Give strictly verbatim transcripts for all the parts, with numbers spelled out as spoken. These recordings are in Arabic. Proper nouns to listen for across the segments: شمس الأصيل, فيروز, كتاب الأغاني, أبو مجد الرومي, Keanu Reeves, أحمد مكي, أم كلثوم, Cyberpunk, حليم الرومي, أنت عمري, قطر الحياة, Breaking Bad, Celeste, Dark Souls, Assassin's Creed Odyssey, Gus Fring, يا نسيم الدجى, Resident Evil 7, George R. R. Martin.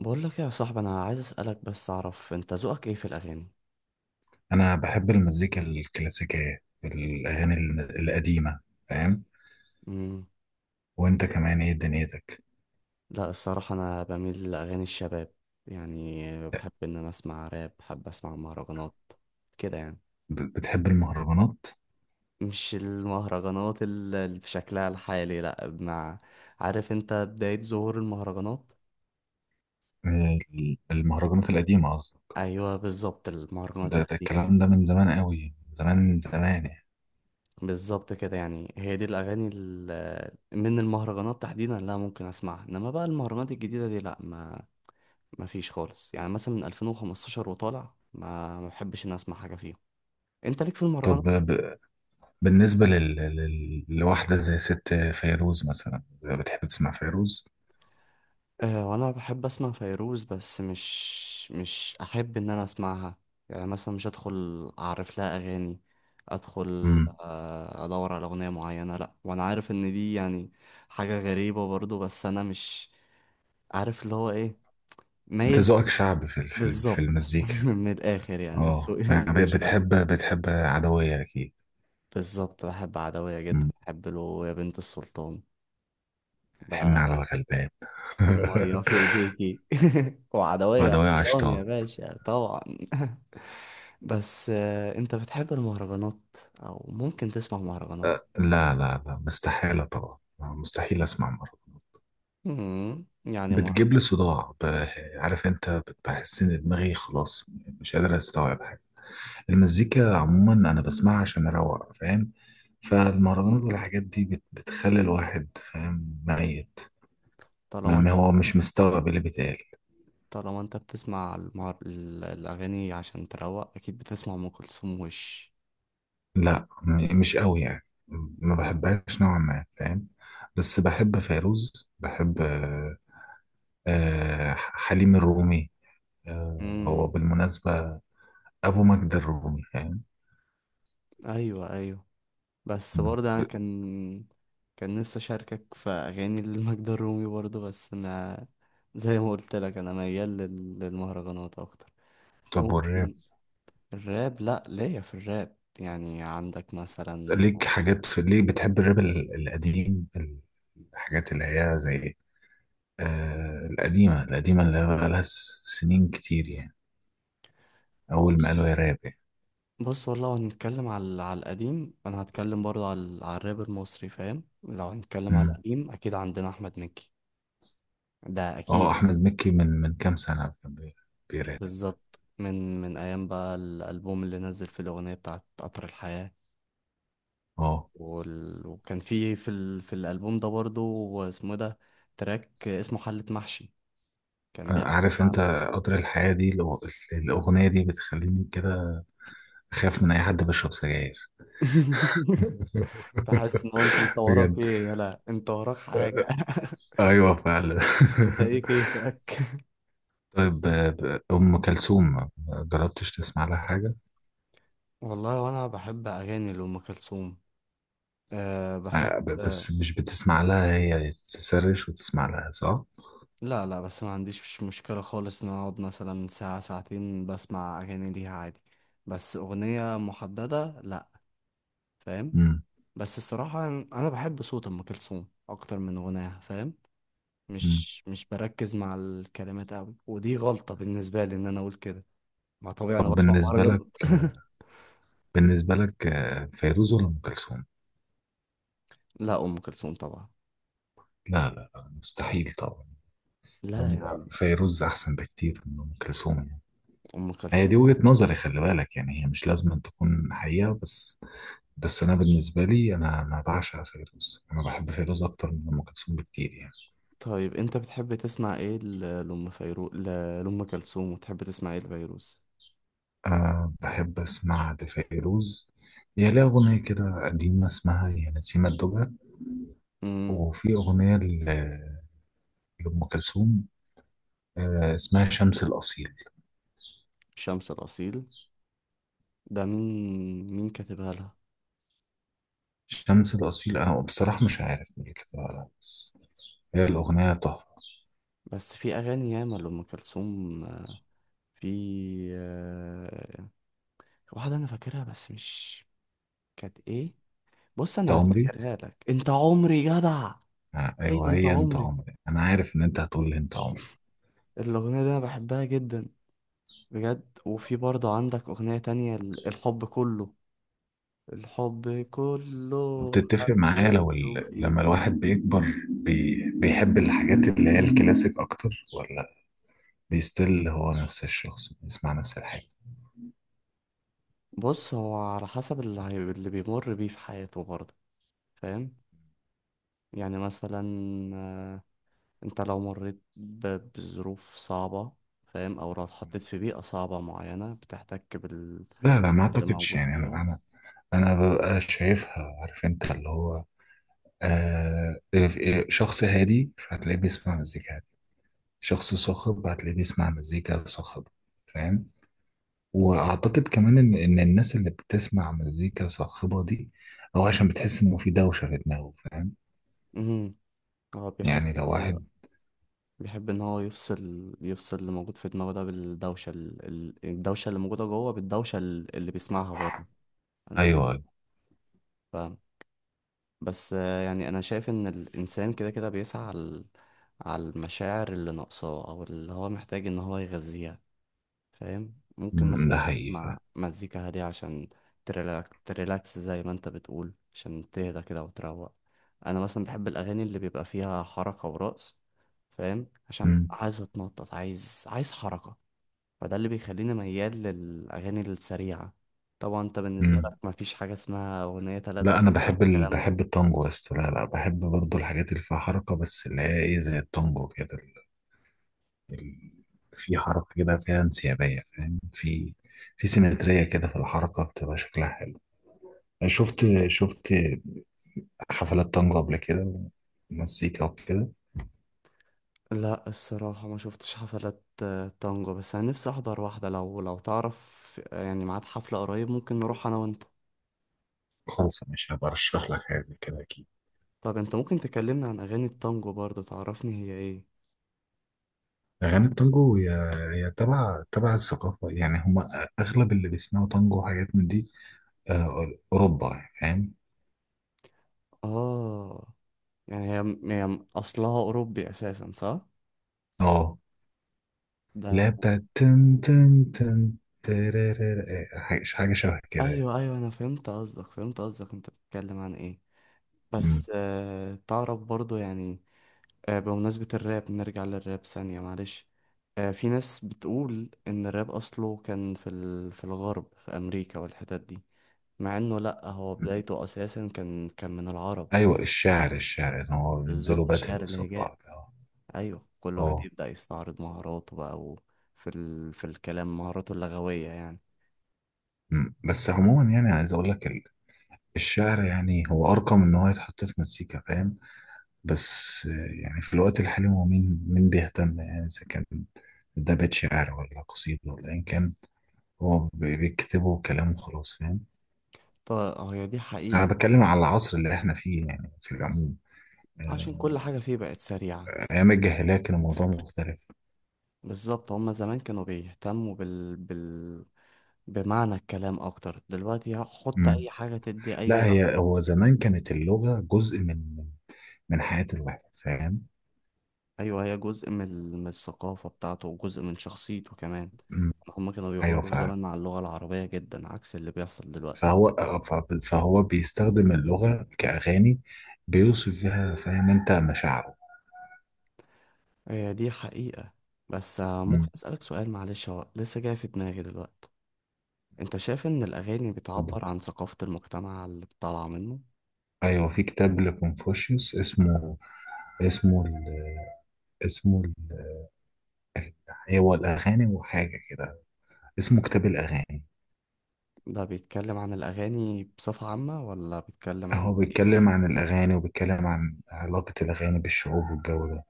بقول لك إيه يا صاحبي، انا عايز اسالك بس اعرف انت ذوقك ايه في الاغاني؟ انا بحب المزيكا الكلاسيكيه الاغاني ال- القديمه، فاهم؟ امم. وانت كمان ايه دنيتك؟ لا الصراحه انا بميل لاغاني الشباب يعني. بحب ان انا اسمع راب، بحب اسمع مهرجانات كده يعني. ب- بتحب المهرجانات؟ مش المهرجانات ال- اللي بشكلها الحالي لا مع. عارف انت بدايه ظهور المهرجانات؟ ال- المهرجانات القديمه قصدي. ايوه بالظبط المهرجانات ده, ده القديمه. الكلام ده من زمان قوي، زمان زمان يعني. بالظبط كده يعني، هي دي الاغاني ال- من المهرجانات تحديدا لا ممكن اسمعها، انما بقى المهرجانات الجديده دي لا. ما ما فيش خالص يعني، مثلا من ألفين وخمستاشر وطالع ما ما بحبش اني اسمع حاجه فيهم. انت ليك في طب المهرجانات؟ ب... بالنسبه لل... لل... لواحده زي ست فيروز مثلا، بتحب تسمع فيروز؟ آه وانا بحب اسمع فيروز، بس مش مش احب ان انا اسمعها. يعني مثلا مش ادخل اعرف لها اغاني، ادخل امم، آه، ادور على اغنيه معينه لا، وانا عارف ان دي يعني حاجه غريبه برضو، بس انا مش عارف اللي هو ايه. انت مايل. ذوقك شعبي في ال- في ال- في بالظبط المزيكا. من الاخر يعني، اه، ذوقي ب- ذوقي شعبي. بتحب بتحب عدويه اكيد. بالظبط بحب عدوية جدا، مم. بحب له يا بنت السلطان. حن ب- على الغلبان. والمية في ايديكي وعدوية وعدوية عطشان يا عشتها. باشا طبعا بس آه، انت بتحب المهرجانات او ممكن تسمع مهرجانات؟ لا لا لا، مستحيلة طبعا. آه، مستحيل أسمع مرض. مم، يعني مهر... بتجيب لي صداع. ب- عارف أنت، بت- بحس إن دماغي خلاص مش قادر أستوعب حاجة. المزيكا عموما أنا بسمعها عشان أروق فاهم، مم، فالمهرجانات والحاجات دي بت- بتخلي الواحد فاهم ميت. ما طالما ما انت هو مش مستوعب اللي بيتقال. طالما انت بتسمع المهر... ال- الاغاني عشان تروق، اكيد بتسمع ام كلثوم وش. لا، م- مش قوي يعني، ما بحبهاش نوعا ما، فاهم؟ بس بحب فيروز، بحب، آه، آه، حليم الرومي. آه، هو امم. بالمناسبة أبو مجد الرومي، فاهم؟ ايوه ايوه، بس مم. برضه انا كان كان نفسي اشاركك في اغاني لمجد الرومي برضه، بس ما زي ما قلت لك انا ميال لل- للمهرجانات اكتر. طب والراب؟ ممكن. الراب لا ليا في الراب يعني، عندك مثلا. ليك حاجات في، ليه بتحب الراب ال- القديم؟ الحاجات اللي هي زي آه القديمة القديمة، اللي هي بقالها س- سنين كتير يعني، أول ما بص قالوا يا راب يعني. بص والله لو هنتكلم على على القديم، انا هتكلم برضه على على الراب المصري فاهم. لو هنتكلم على مم. القديم اكيد عندنا احمد مكي. ده اكيد. اه، أحمد مكي، من من كام سنة كان بي- بيراب. بالظبط من من ايام بقى الالبوم اللي نزل، في الاغنيه بتاعت قطر الحياه. اه. وال... وكان فيه في ال... في الالبوم ده برضه، اسمه، ده تراك اسمه حلة محشي، كان آه، بيحكي عارف انت؟ عن. قطر الحياة دي، الأغ- الأغنية دي بتخليني كده أخاف من أي حد بيشرب سجاير. فحاسس ان هو انت انت وراك بجد. ايه، يلا انت وراك حاجه ايوه فعلا. انت ايه كيفك؟ طيب، بس آه، ب- ام كلثوم ما جربتش تسمع لها حاجه؟ والله وانا بحب اغاني لام كلثوم، أه بحب، آه، ب- أه. بس مش بتسمع لها، هي تسرش وتسمع لها صح؟ لا لا، بس ما عنديش مش مشكله خالص ان أنا اقعد مثلا ساعه ساعتين بسمع اغاني ليها عادي. بس اغنيه محدده لا. فاهم. امم. بس الصراحه انا بحب صوت ام كلثوم اكتر من غناها، فاهم. أمم. مش مش بركز مع الكلمات قوي، ودي غلطه بالنسبه لي ان انا اقول كده. ما طبيعي طب انا بسمع بالنسبه لك، مهرجانات بالنسبه لك آه، فيروز ولا ام كلثوم؟ لا ام كلثوم طبعا. لا لا لا، مستحيل طبعا. لا يا أم- عم، فيروز احسن بكتير من ام كلثوم يعني. ام هي دي كلثوم. وجهه نظري، خلي بالك، يعني هي مش لازم أن تكون حقيقه، بس بس انا بالنسبه لي، انا انا بعشق فيروز، انا بحب فيروز اكتر من ام كلثوم بكتير يعني. طيب انت بتحب تسمع ايه ل- لام فيرو ل- لام كلثوم؟ وتحب تسمع ايه لفيروز؟ أه بحب أسمع لفيروز، هي ليها أغنية كده قديمة اسمها يا نسيم الدجى. امم. وفي أغنية ل- لأم كلثوم، أه اسمها شمس الأصيل. شمس الاصيل، ده مين مين كاتبها لها؟ شمس الأصيل، أنا بصراحة مش عارف مين كده ولا لأ، بس هي الأغنية تحفة. بس في اغاني ياما لام كلثوم. في آه، واحده انا فاكرها بس مش. كانت ايه؟ بص أنت انا عمري. هفتكرها لك، انت عمري جدع. أه ايوه أيوه، انت هي أنت عمري. عمري، أنا عارف إن أنت هتقول لي أنت عمري. الاغنيه دي انا بحبها جدا بجد. وفي برضه عندك اغنيه تانية، ال- الحب كله، الحب كله بتتفق معايا لو حبيته ال... فيه. لما الواحد بيكبر بي... بيحب الحاجات اللي هي الكلاسيك أكتر، ولا بيستل هو نفس الشخص بيسمع نفس الحاجة؟ بص هو على حسب اللي, هي... اللي بيمر بيه في حياته برضه، فاهم. يعني مثلا، آه، انت لو مريت ب- بظروف صعبة، فاهم، او لو اتحطيت في بيئة صعبة معينة بتحتك لا لا، ما باللي اعتقدش موجود يعني، انا فيها. انا أنا ببقى شايفها، عارف انت، اللي هو آه، إيه- شخص هادي فهتلاقيه بيسمع مزيكا هادي، شخص صاخب هتلاقيه بيسمع مزيكا صاخبة، فاهم؟ بص. واعتقد كمان ان ان الناس اللي بتسمع مزيكا صاخبة دي او عشان بتحس انه في دوشة في دماغه، فاهم؟ امم هو بيحب يعني ان لو هو، واحد، بيحب ان هو يفصل يفصل اللي موجود في دماغه ده بالدوشة، ال... ال- الدوشة اللي موجودة جوه، بالدوشة ال- اللي بيسمعها بره. انا فاهم. ايوه ايوه. بس آه، يعني انا شايف ان الانسان كده كده بيسعى على على المشاعر اللي ناقصاه او اللي هو محتاج ان هو يغذيها، فاهم. ممكن أمم، مثلا ده حقيقي تسمع فاهم. مزيكا هادية عشان تريلاك تريلاكس زي ما انت بتقول، عشان تهدى كده وتروق. انا مثلا بحب الاغاني اللي بيبقى فيها حركة ورقص، فاهم، عشان أمم. عايز اتنطط، عايز عايز حركة. فده اللي بيخليني ميال للاغاني السريعة. طبعا انت بالنسبة أمم. لك مفيش حاجة اسمها اغنية تلات لا دقايق انا بحب ال... الكلام ده. بحب التانجو، بس لا لا بحب برضو الحاجات اللي فيها حركة، بس اللي هي ايه زي التانجو كده، ال- في حركة كده فيها انسيابية، فاهم؟ في في سيمترية كده في الحركة، بتبقى شكلها حلو. أنا شفت شفت حفلات طنجة قبل كده ومزيكا وكده. لا الصراحة ما شفتش حفلات آه، تانجو، بس أنا نفسي أحضر واحدة لو لو تعرف آه، يعني ميعاد حفلة قريب، ممكن نروح أنا وأنت. خلاص، مش هبقى أرشح لك حاجة زي كده أكيد. طب أنت ممكن تكلمنا عن أغاني التانجو برضه، تعرفني هي إيه. أغاني التانجو هي، هي تبع تبع الثقافة، يعني هما أغلب اللي بيسمعوا تانجو وحاجات من دي آه، أوروبا يعني، فاهم؟ آه يعني هي, هي أصلها أوروبي أساسا صح؟ اه. لا، ده. بتاعت تن تن تن ترارارا، آه، حاجة حاجة شبه كده يعني. أيوه أيوه أنا فهمت قصدك فهمت قصدك، أنت بتتكلم عن إيه. مم. بس آه، تعرف برضه يعني. آه، بمناسبة الراب نرجع للراب ثانية معلش. آه، في ناس بتقول إن الراب أصله كان في ال... في الغرب في أمريكا والحتت دي، مع إنه لأ هو بدايته أساسا كان كان من العرب. ايوه، الشعر، الشعر ان هو بينزلوا بالظبط باتل شعر قصاد الهجاء. بعض، اه. أيوه كل واحد اه. يبدأ يستعرض مهاراته بقى و... في ال... في الكلام مهاراته اللغوية يعني. أمم. بس عموما يعني عايز اقول لك، ال- الشعر يعني هو ارقم ان هو يتحط في مزيكا، فاهم؟ بس آه، يعني في الوقت الحالي هو مين مين بيهتم يعني اذا كان ده بيت شعر ولا قصيدة ولا ايا كان؟ هو بي- بيكتبه كلام وخلاص، فاهم؟ طب هي دي انا حقيقة بتكلم طبعا، على العصر اللي احنا فيه يعني، في العموم عشان آه، كل حاجة فيه بقت سريعة. ايام الجاهلية كان دي الموضوع الفكرة. مختلف. بالظبط هما زمان كانوا بيهتموا بال... بال... بمعنى الكلام اكتر، دلوقتي حط أمم. اي حاجة تدي اي لا، هي لحم. هو زمان كانت اللغة جزء من من حياة الواحد، فاهم؟ ايوه هي جزء من ال- من الثقافة بتاعته وجزء من شخصيته كمان. مم. هما كانوا ايوه بيغاروا فعلا. زمان مع اللغة العربية جدا عكس اللي بيحصل دلوقتي. فهو آه، ف- فهو بيستخدم اللغه كاغاني، بيوصف فيها فاهم انت مشاعره. هي دي حقيقة. بس آه، ممكن مم. اسألك سؤال معلش هو لسه جاي في دماغي دلوقتي؟ انت شايف ان الاغاني اتفضل. بتعبر عن ثقافة المجتمع اللي طالعة منه؟ ايوه، في كتاب لكونفوشيوس اسمه، اسمه ال... اسمه ال... ال- هو الاغاني وحاجه كده، اسمه كتاب الاغاني. ده بيتكلم عن الاغاني بصفة عامة ولا بيتكلم عن هو ايه بيتكلم فيها؟ عن الاغاني وبيتكلم عن علاقه الاغاني بالشعوب والجو ده.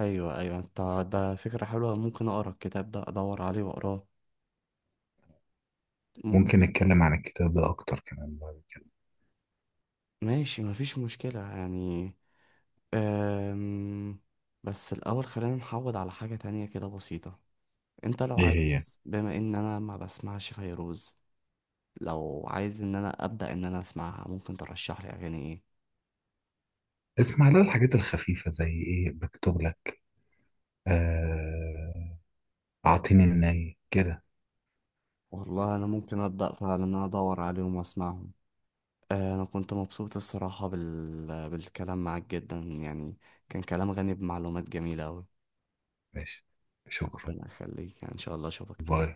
ايوه ايوه انت. ده فكرة حلوة، ممكن اقرا الكتاب ده ادور عليه واقراه. مم- ممكن نتكلم عن الكتاب ده اكتر كمان بعد كده. ماشي مفيش مشكلة يعني. أم... بس الاول خلينا نحود على حاجة تانية كده بسيطة. انت لو ايه هي؟ عايز، بما ان انا ما بسمعش فيروز، لو عايز ان انا ابدا ان انا اسمعها ممكن ترشح لي اغاني ايه؟ اسمع لها الحاجات الخفيفه زي ايه بكتب لك، آه، أعطيني الناي كده. والله انا ممكن ابدا فعلا ان انا ادور عليهم واسمعهم. آه، انا كنت مبسوط الصراحة بال... بالكلام معاك جدا يعني، كان كلام غني بمعلومات جميلة اوي. ماشي، شكرا. ربنا يخليك يعني ان شاء الله اشوفك تاني. باي.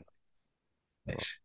ماشي.